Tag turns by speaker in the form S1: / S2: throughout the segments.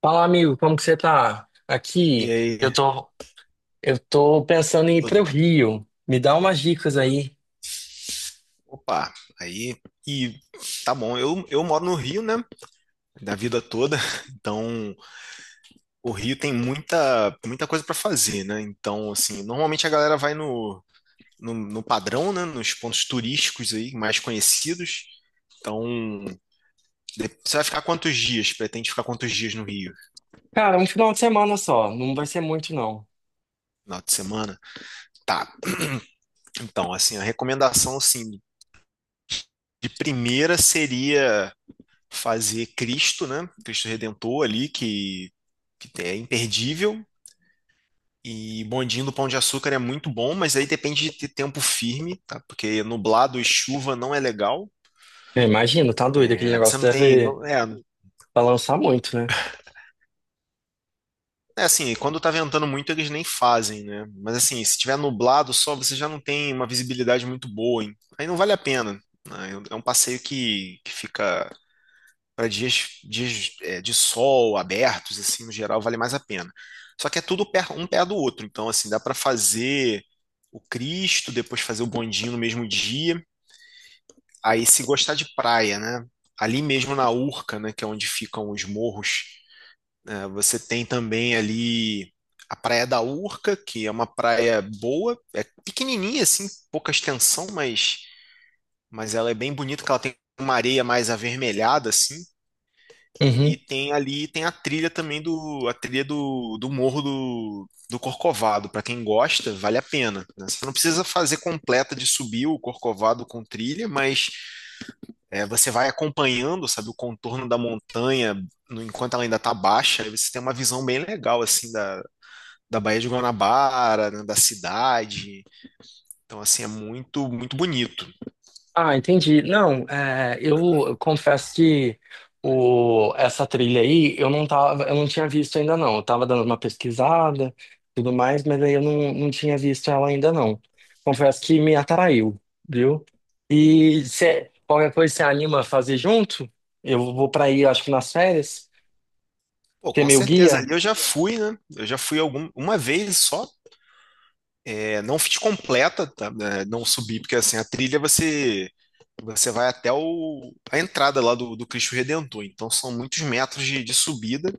S1: Fala, amigo, como que você tá?
S2: E
S1: Aqui,
S2: aí,
S1: eu tô, eu tô pensando em ir
S2: tudo
S1: pro
S2: bom?
S1: Rio. Me dá umas dicas aí.
S2: Opa, aí, e tá bom, eu moro no Rio, né, da vida toda, então o Rio tem muita, muita coisa pra fazer, né, então, assim, normalmente a galera vai no padrão, né, nos pontos turísticos aí, mais conhecidos, então, você vai ficar quantos dias? Pretende ficar quantos dias no Rio?
S1: Cara, um final de semana só, não vai ser muito não.
S2: Final de semana? Tá, então, assim, a recomendação, assim, de primeira seria fazer Cristo, né? Cristo Redentor ali, que é imperdível. E bondinho do Pão de Açúcar é muito bom, mas aí depende de ter tempo firme, tá? Porque nublado e chuva não é legal.
S1: Eu imagino, tá doido, aquele
S2: É, você
S1: negócio
S2: não tem,
S1: deve
S2: é,
S1: balançar muito, né?
S2: é assim, quando tá ventando muito, eles nem fazem, né? Mas assim, se tiver nublado só, você já não tem uma visibilidade muito boa, hein? Aí não vale a pena, né? É um passeio que fica para dias de sol abertos, assim, no geral, vale mais a pena. Só que é tudo um pé do outro, então, assim, dá para fazer o Cristo, depois fazer o bondinho no mesmo dia. Aí, se gostar de praia, né? Ali mesmo na Urca, né, que é onde ficam os morros, né, você tem também ali a Praia da Urca, que é uma praia boa, é pequenininha, assim, pouca extensão, mas ela é bem bonita, que ela tem uma areia mais avermelhada, assim. E tem ali, tem a trilha também a trilha do Morro do Corcovado. Para quem gosta, vale a pena, né? Você não precisa fazer completa de subir o Corcovado com trilha, mas você vai acompanhando, sabe, o contorno da montanha enquanto ela ainda está baixa. Aí você tem uma visão bem legal, assim, da Baía de Guanabara, né, da cidade. Então, assim, é muito, muito bonito.
S1: Ah, entendi. Não, é, eu, confesso que essa trilha aí eu não tinha visto ainda não. Eu tava dando uma pesquisada, tudo mais, mas aí eu não, não tinha visto ela ainda não. Confesso que me atraiu, viu? E se qualquer coisa você anima a fazer junto, eu vou pra aí, acho que nas férias,
S2: Pô,
S1: ter
S2: com
S1: meu
S2: certeza
S1: guia.
S2: ali eu já fui, né? Eu já fui uma vez só. É, não fiz completa, tá? É, não subi, porque assim, a trilha você vai até a entrada lá do Cristo Redentor, então são muitos metros de subida,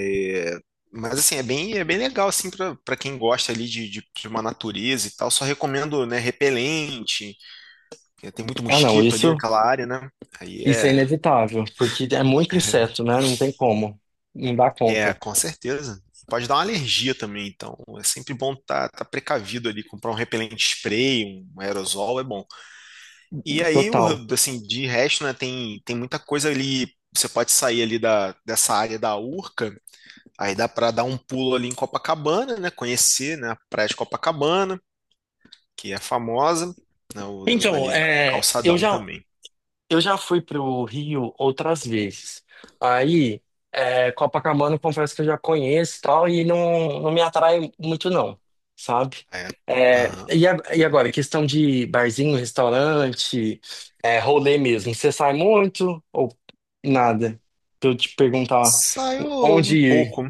S2: é, mas assim, é bem legal assim para quem gosta ali de uma natureza e tal, só recomendo, né, repelente, que tem muito
S1: Ah, não,
S2: mosquito ali
S1: isso,
S2: naquela área, né? Aí
S1: isso é
S2: é,
S1: inevitável, porque é muito inseto, né? Não tem como, não dá
S2: é,
S1: conta.
S2: com certeza. Pode dar uma alergia também, então é sempre bom tá precavido ali, comprar um repelente spray, um aerosol é bom. E aí,
S1: Total.
S2: assim, de resto, né, tem, tem muita coisa ali. Você pode sair ali dessa área da Urca, aí dá para dar um pulo ali em Copacabana, né, conhecer, né, a Praia de Copacabana, que é famosa, né,
S1: Então,
S2: dali do
S1: é, eu
S2: Calçadão
S1: já
S2: também.
S1: Eu já fui pro Rio outras vezes. Aí, é, Copacabana, confesso que eu já conheço e tal, e não me atrai muito, não, sabe?
S2: É.
S1: É,
S2: Aham.
S1: e, a- e agora, questão de barzinho, restaurante, é, rolê mesmo. Você sai muito ou nada? Pra eu te perguntar
S2: Saiu
S1: onde
S2: um
S1: ir.
S2: pouco.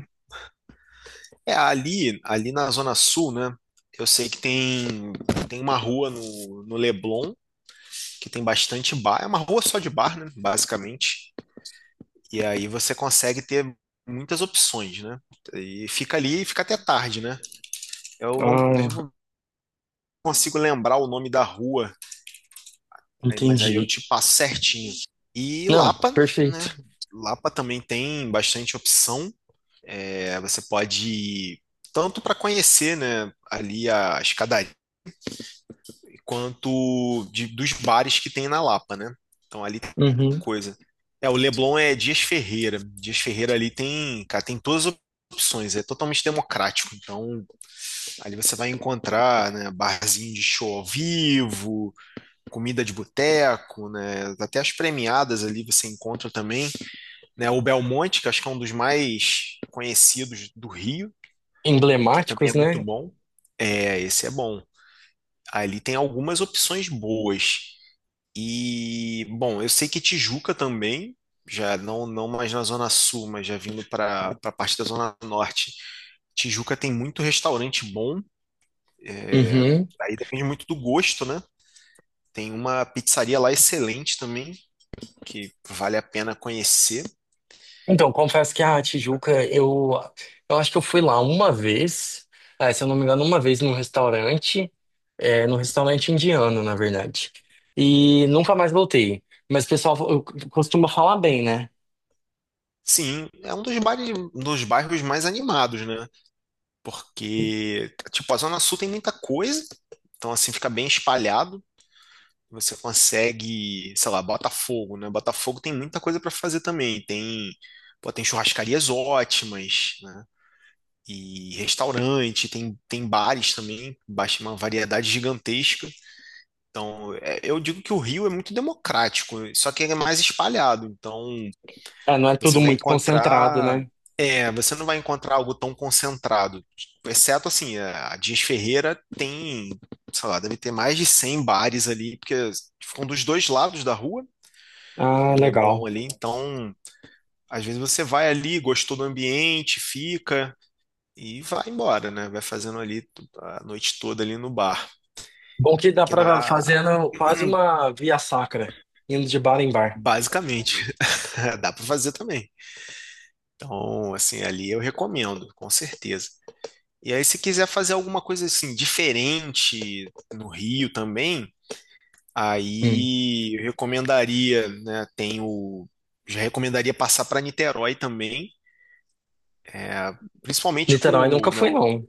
S2: É, ali na Zona Sul, né, eu sei que tem uma rua no Leblon, que tem bastante bar. É uma rua só de bar, né, basicamente. E aí você consegue ter muitas opções, né? E fica ali e fica até tarde, né? Eu não, eu
S1: Ah,
S2: não consigo lembrar o nome da rua, mas aí eu
S1: entendi.
S2: te passo certinho. E
S1: Não,
S2: Lapa, né?
S1: perfeito.
S2: Lapa também tem bastante opção. É, você pode ir tanto para conhecer, né, ali a escadaria quanto dos bares que tem na Lapa, né? Então ali tem
S1: Uhum.
S2: coisa. É, o Leblon é Dias Ferreira. Dias Ferreira ali tem, cara, tem todas as opções, é totalmente democrático. Então ali você vai encontrar, né, barzinho de show ao vivo, comida de boteco, né? Até as premiadas ali você encontra também, né? O Belmonte, que acho que é um dos mais conhecidos do Rio, que também é
S1: Emblemáticos,
S2: muito
S1: né?
S2: bom. É, esse é bom. Ali tem algumas opções boas. E, bom, eu sei que Tijuca também, já não mais na Zona Sul, mas já vindo para a parte da Zona Norte. Tijuca tem muito restaurante bom,
S1: Uhum.
S2: aí depende muito do gosto, né? Tem uma pizzaria lá excelente também, que vale a pena conhecer.
S1: Então, confesso que a Tijuca, eu acho que eu fui lá uma vez, ah, se eu não me engano, uma vez num restaurante, é, num restaurante indiano, na verdade. E nunca mais voltei. Mas o pessoal eu- costuma falar bem, né?
S2: Sim, é um dos bairros mais animados, né? Porque, tipo, a Zona Sul tem muita coisa, então, assim, fica bem espalhado. Você consegue, sei lá, Botafogo, né? Botafogo tem muita coisa para fazer também. Tem, pô, tem churrascarias ótimas, né? E restaurante, tem bares também, baixa uma variedade gigantesca. Então, eu digo que o Rio é muito democrático, só que ele é mais espalhado. Então,
S1: É, não é
S2: você
S1: tudo
S2: vai
S1: muito concentrado,
S2: encontrar,
S1: né?
S2: você não vai encontrar algo tão concentrado. Exceto assim, a Dias Ferreira tem sei lá, deve ter mais de 100 bares ali, porque ficam dos dois lados da rua,
S1: Ah,
S2: no Leblon
S1: legal.
S2: ali. Então, às vezes você vai ali, gostou do ambiente, fica e vai embora, né? Vai fazendo ali a noite toda ali no bar,
S1: Bom que dá
S2: que na
S1: pra fazendo quase uma via sacra, indo de bar em bar.
S2: basicamente dá para fazer também. Então, assim, ali eu recomendo, com certeza. E aí, se quiser fazer alguma coisa assim diferente no Rio também,
S1: Hum.
S2: aí eu recomendaria, né? Já recomendaria passar para Niterói também, principalmente
S1: Niterói
S2: com
S1: nunca
S2: né,
S1: fui, não.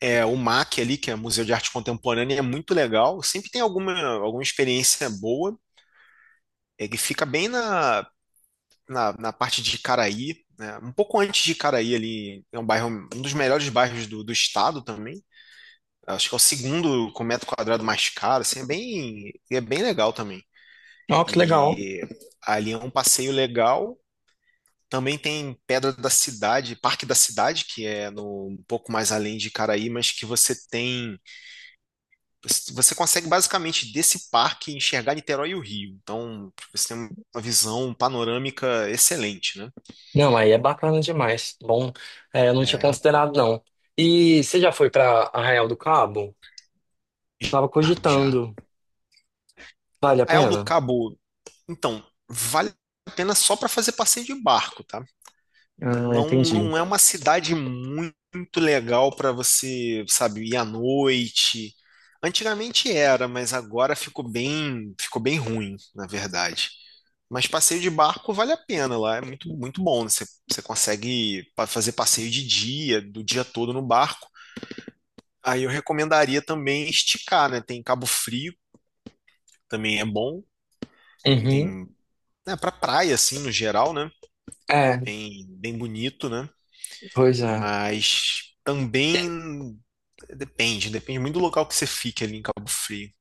S2: o MAC ali, que é Museu de Arte Contemporânea, é muito legal. Sempre tem alguma experiência boa. Ele fica bem na parte de Caraí, né? Um pouco antes de Caraí ali, é um bairro, um dos melhores bairros do estado também. Acho que é o segundo com metro quadrado mais caro, assim, é bem, legal também.
S1: Ó, que legal.
S2: E ali é um passeio legal. Também tem Pedra da Cidade, Parque da Cidade, que é no, um pouco mais além de Caraí, mas que você consegue basicamente desse parque enxergar Niterói e o Rio. Então, você tem uma visão panorâmica excelente, né?
S1: Não, aí é bacana demais. Bom, é, eu não tinha
S2: É,
S1: considerado, não. E você já foi para Arraial do Cabo? Tava
S2: já.
S1: cogitando. Vale a
S2: Arraial do
S1: pena?
S2: Cabo, então, vale a pena só para fazer passeio de barco, tá?
S1: Ah,
S2: Não,
S1: entendi.
S2: não é uma cidade muito legal para você, sabe, ir à noite. Antigamente era, mas agora ficou bem ruim, na verdade. Mas passeio de barco vale a pena lá, é muito, muito bom, né? Você consegue fazer passeio de dia, do dia todo no barco. Aí eu recomendaria também esticar, né? Tem Cabo Frio, também é bom. Tem,
S1: Uhum.
S2: né, pra praia, assim, no geral, né?
S1: É,
S2: Bem, bem bonito, né?
S1: pois é.
S2: Mas também depende muito do local que você fique ali em Cabo Frio.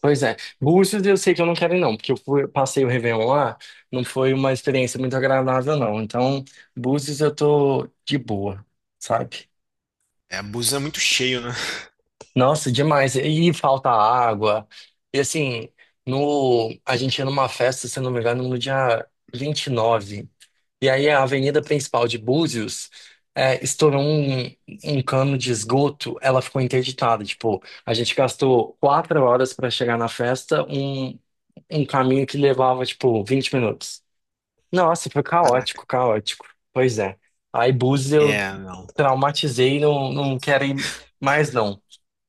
S1: Pois é. Búzios eu sei que eu não quero ir, não, porque passei o Réveillon lá, não foi uma experiência muito agradável, não. Então, Búzios eu tô de boa, sabe?
S2: É, Búzios é muito cheio, né?
S1: Nossa, demais. E falta água. E assim, no, a gente ia numa festa, se eu não me engano, no dia 29. E aí a avenida principal de Búzios é, estourou um cano de esgoto, ela ficou interditada. Tipo, a gente gastou 4 horas para chegar na festa, um caminho que levava, tipo, 20 minutos. Nossa, foi
S2: Caraca.
S1: caótico, caótico. Pois é. Aí Búzios eu
S2: É,
S1: traumatizei, não, não quero ir mais, não.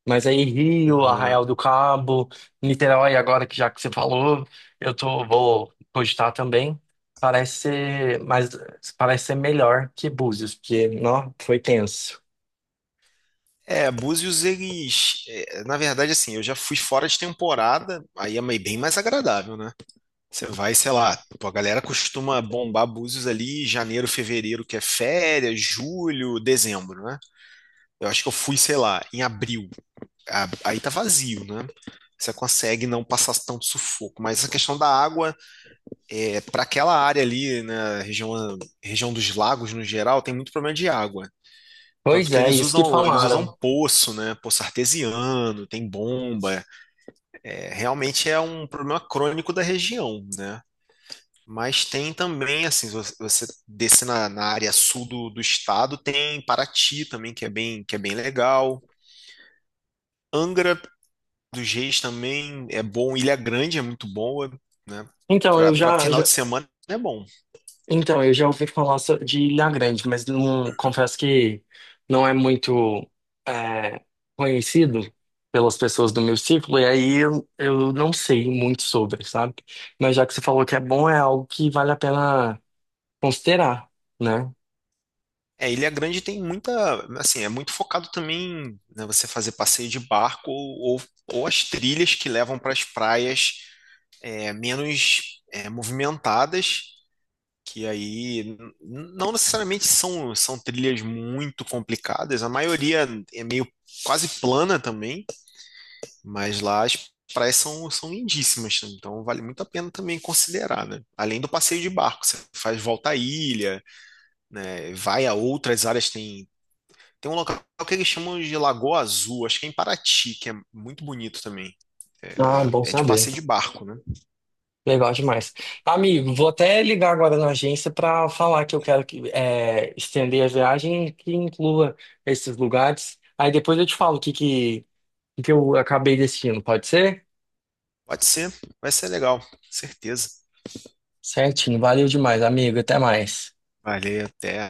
S1: Mas aí Rio,
S2: não.
S1: Arraial do Cabo, Niterói, agora que já que você falou, vou cogitar também. Parece ser, mas parece ser melhor que Búzios, porque, não, foi tenso.
S2: É, Búzios, na verdade, assim, eu já fui fora de temporada, aí é bem mais agradável, né? Você vai, sei lá, pô, a galera costuma bombar Búzios ali em janeiro, fevereiro, que é férias, julho, dezembro, né? Eu acho que eu fui, sei lá, em abril. Aí tá vazio, né? Você consegue não passar tanto sufoco. Mas a questão da água, é, para aquela área ali, na região, dos lagos no geral, tem muito problema de água. Tanto
S1: Pois
S2: que
S1: é,
S2: eles
S1: isso que
S2: usam, eles usam
S1: falaram.
S2: poço, né? Poço artesiano, tem bomba. É, realmente é um problema crônico da região, né? Mas tem também, assim, se você descer na área sul do estado, tem Paraty também, que é bem legal. Angra dos Reis também é bom. Ilha Grande é muito boa, né?
S1: Então, eu
S2: Para
S1: já,
S2: final de
S1: já-
S2: semana é bom.
S1: Então, eu já ouvi falar de Ilha Grande, mas não, confesso que não é muito é, conhecido pelas pessoas do meu círculo, eu não sei muito sobre, sabe? Mas já que você falou que é bom, é algo que vale a pena considerar, né?
S2: É, Ilha Grande tem muita, assim, é muito focado também, né, você fazer passeio de barco ou as trilhas que levam para as praias menos movimentadas, que aí não necessariamente são trilhas muito complicadas, a maioria é meio quase plana também, mas lá as praias são lindíssimas, então vale muito a pena também considerar, né? Além do passeio de barco, você faz volta à ilha, né, vai a outras áreas, tem um local que eles chamam de Lagoa Azul, acho que é em Paraty, que é muito bonito também.
S1: Ah, bom
S2: É de
S1: saber.
S2: passeio de barco, né?
S1: Legal demais. Amigo, vou até ligar agora na agência para falar que eu quero que, é, estender a viagem que inclua esses lugares. Aí depois eu te falo o que eu acabei decidindo, pode ser?
S2: Pode ser, vai ser legal, certeza.
S1: Certinho, valeu demais, amigo. Até mais.
S2: Valeu, até.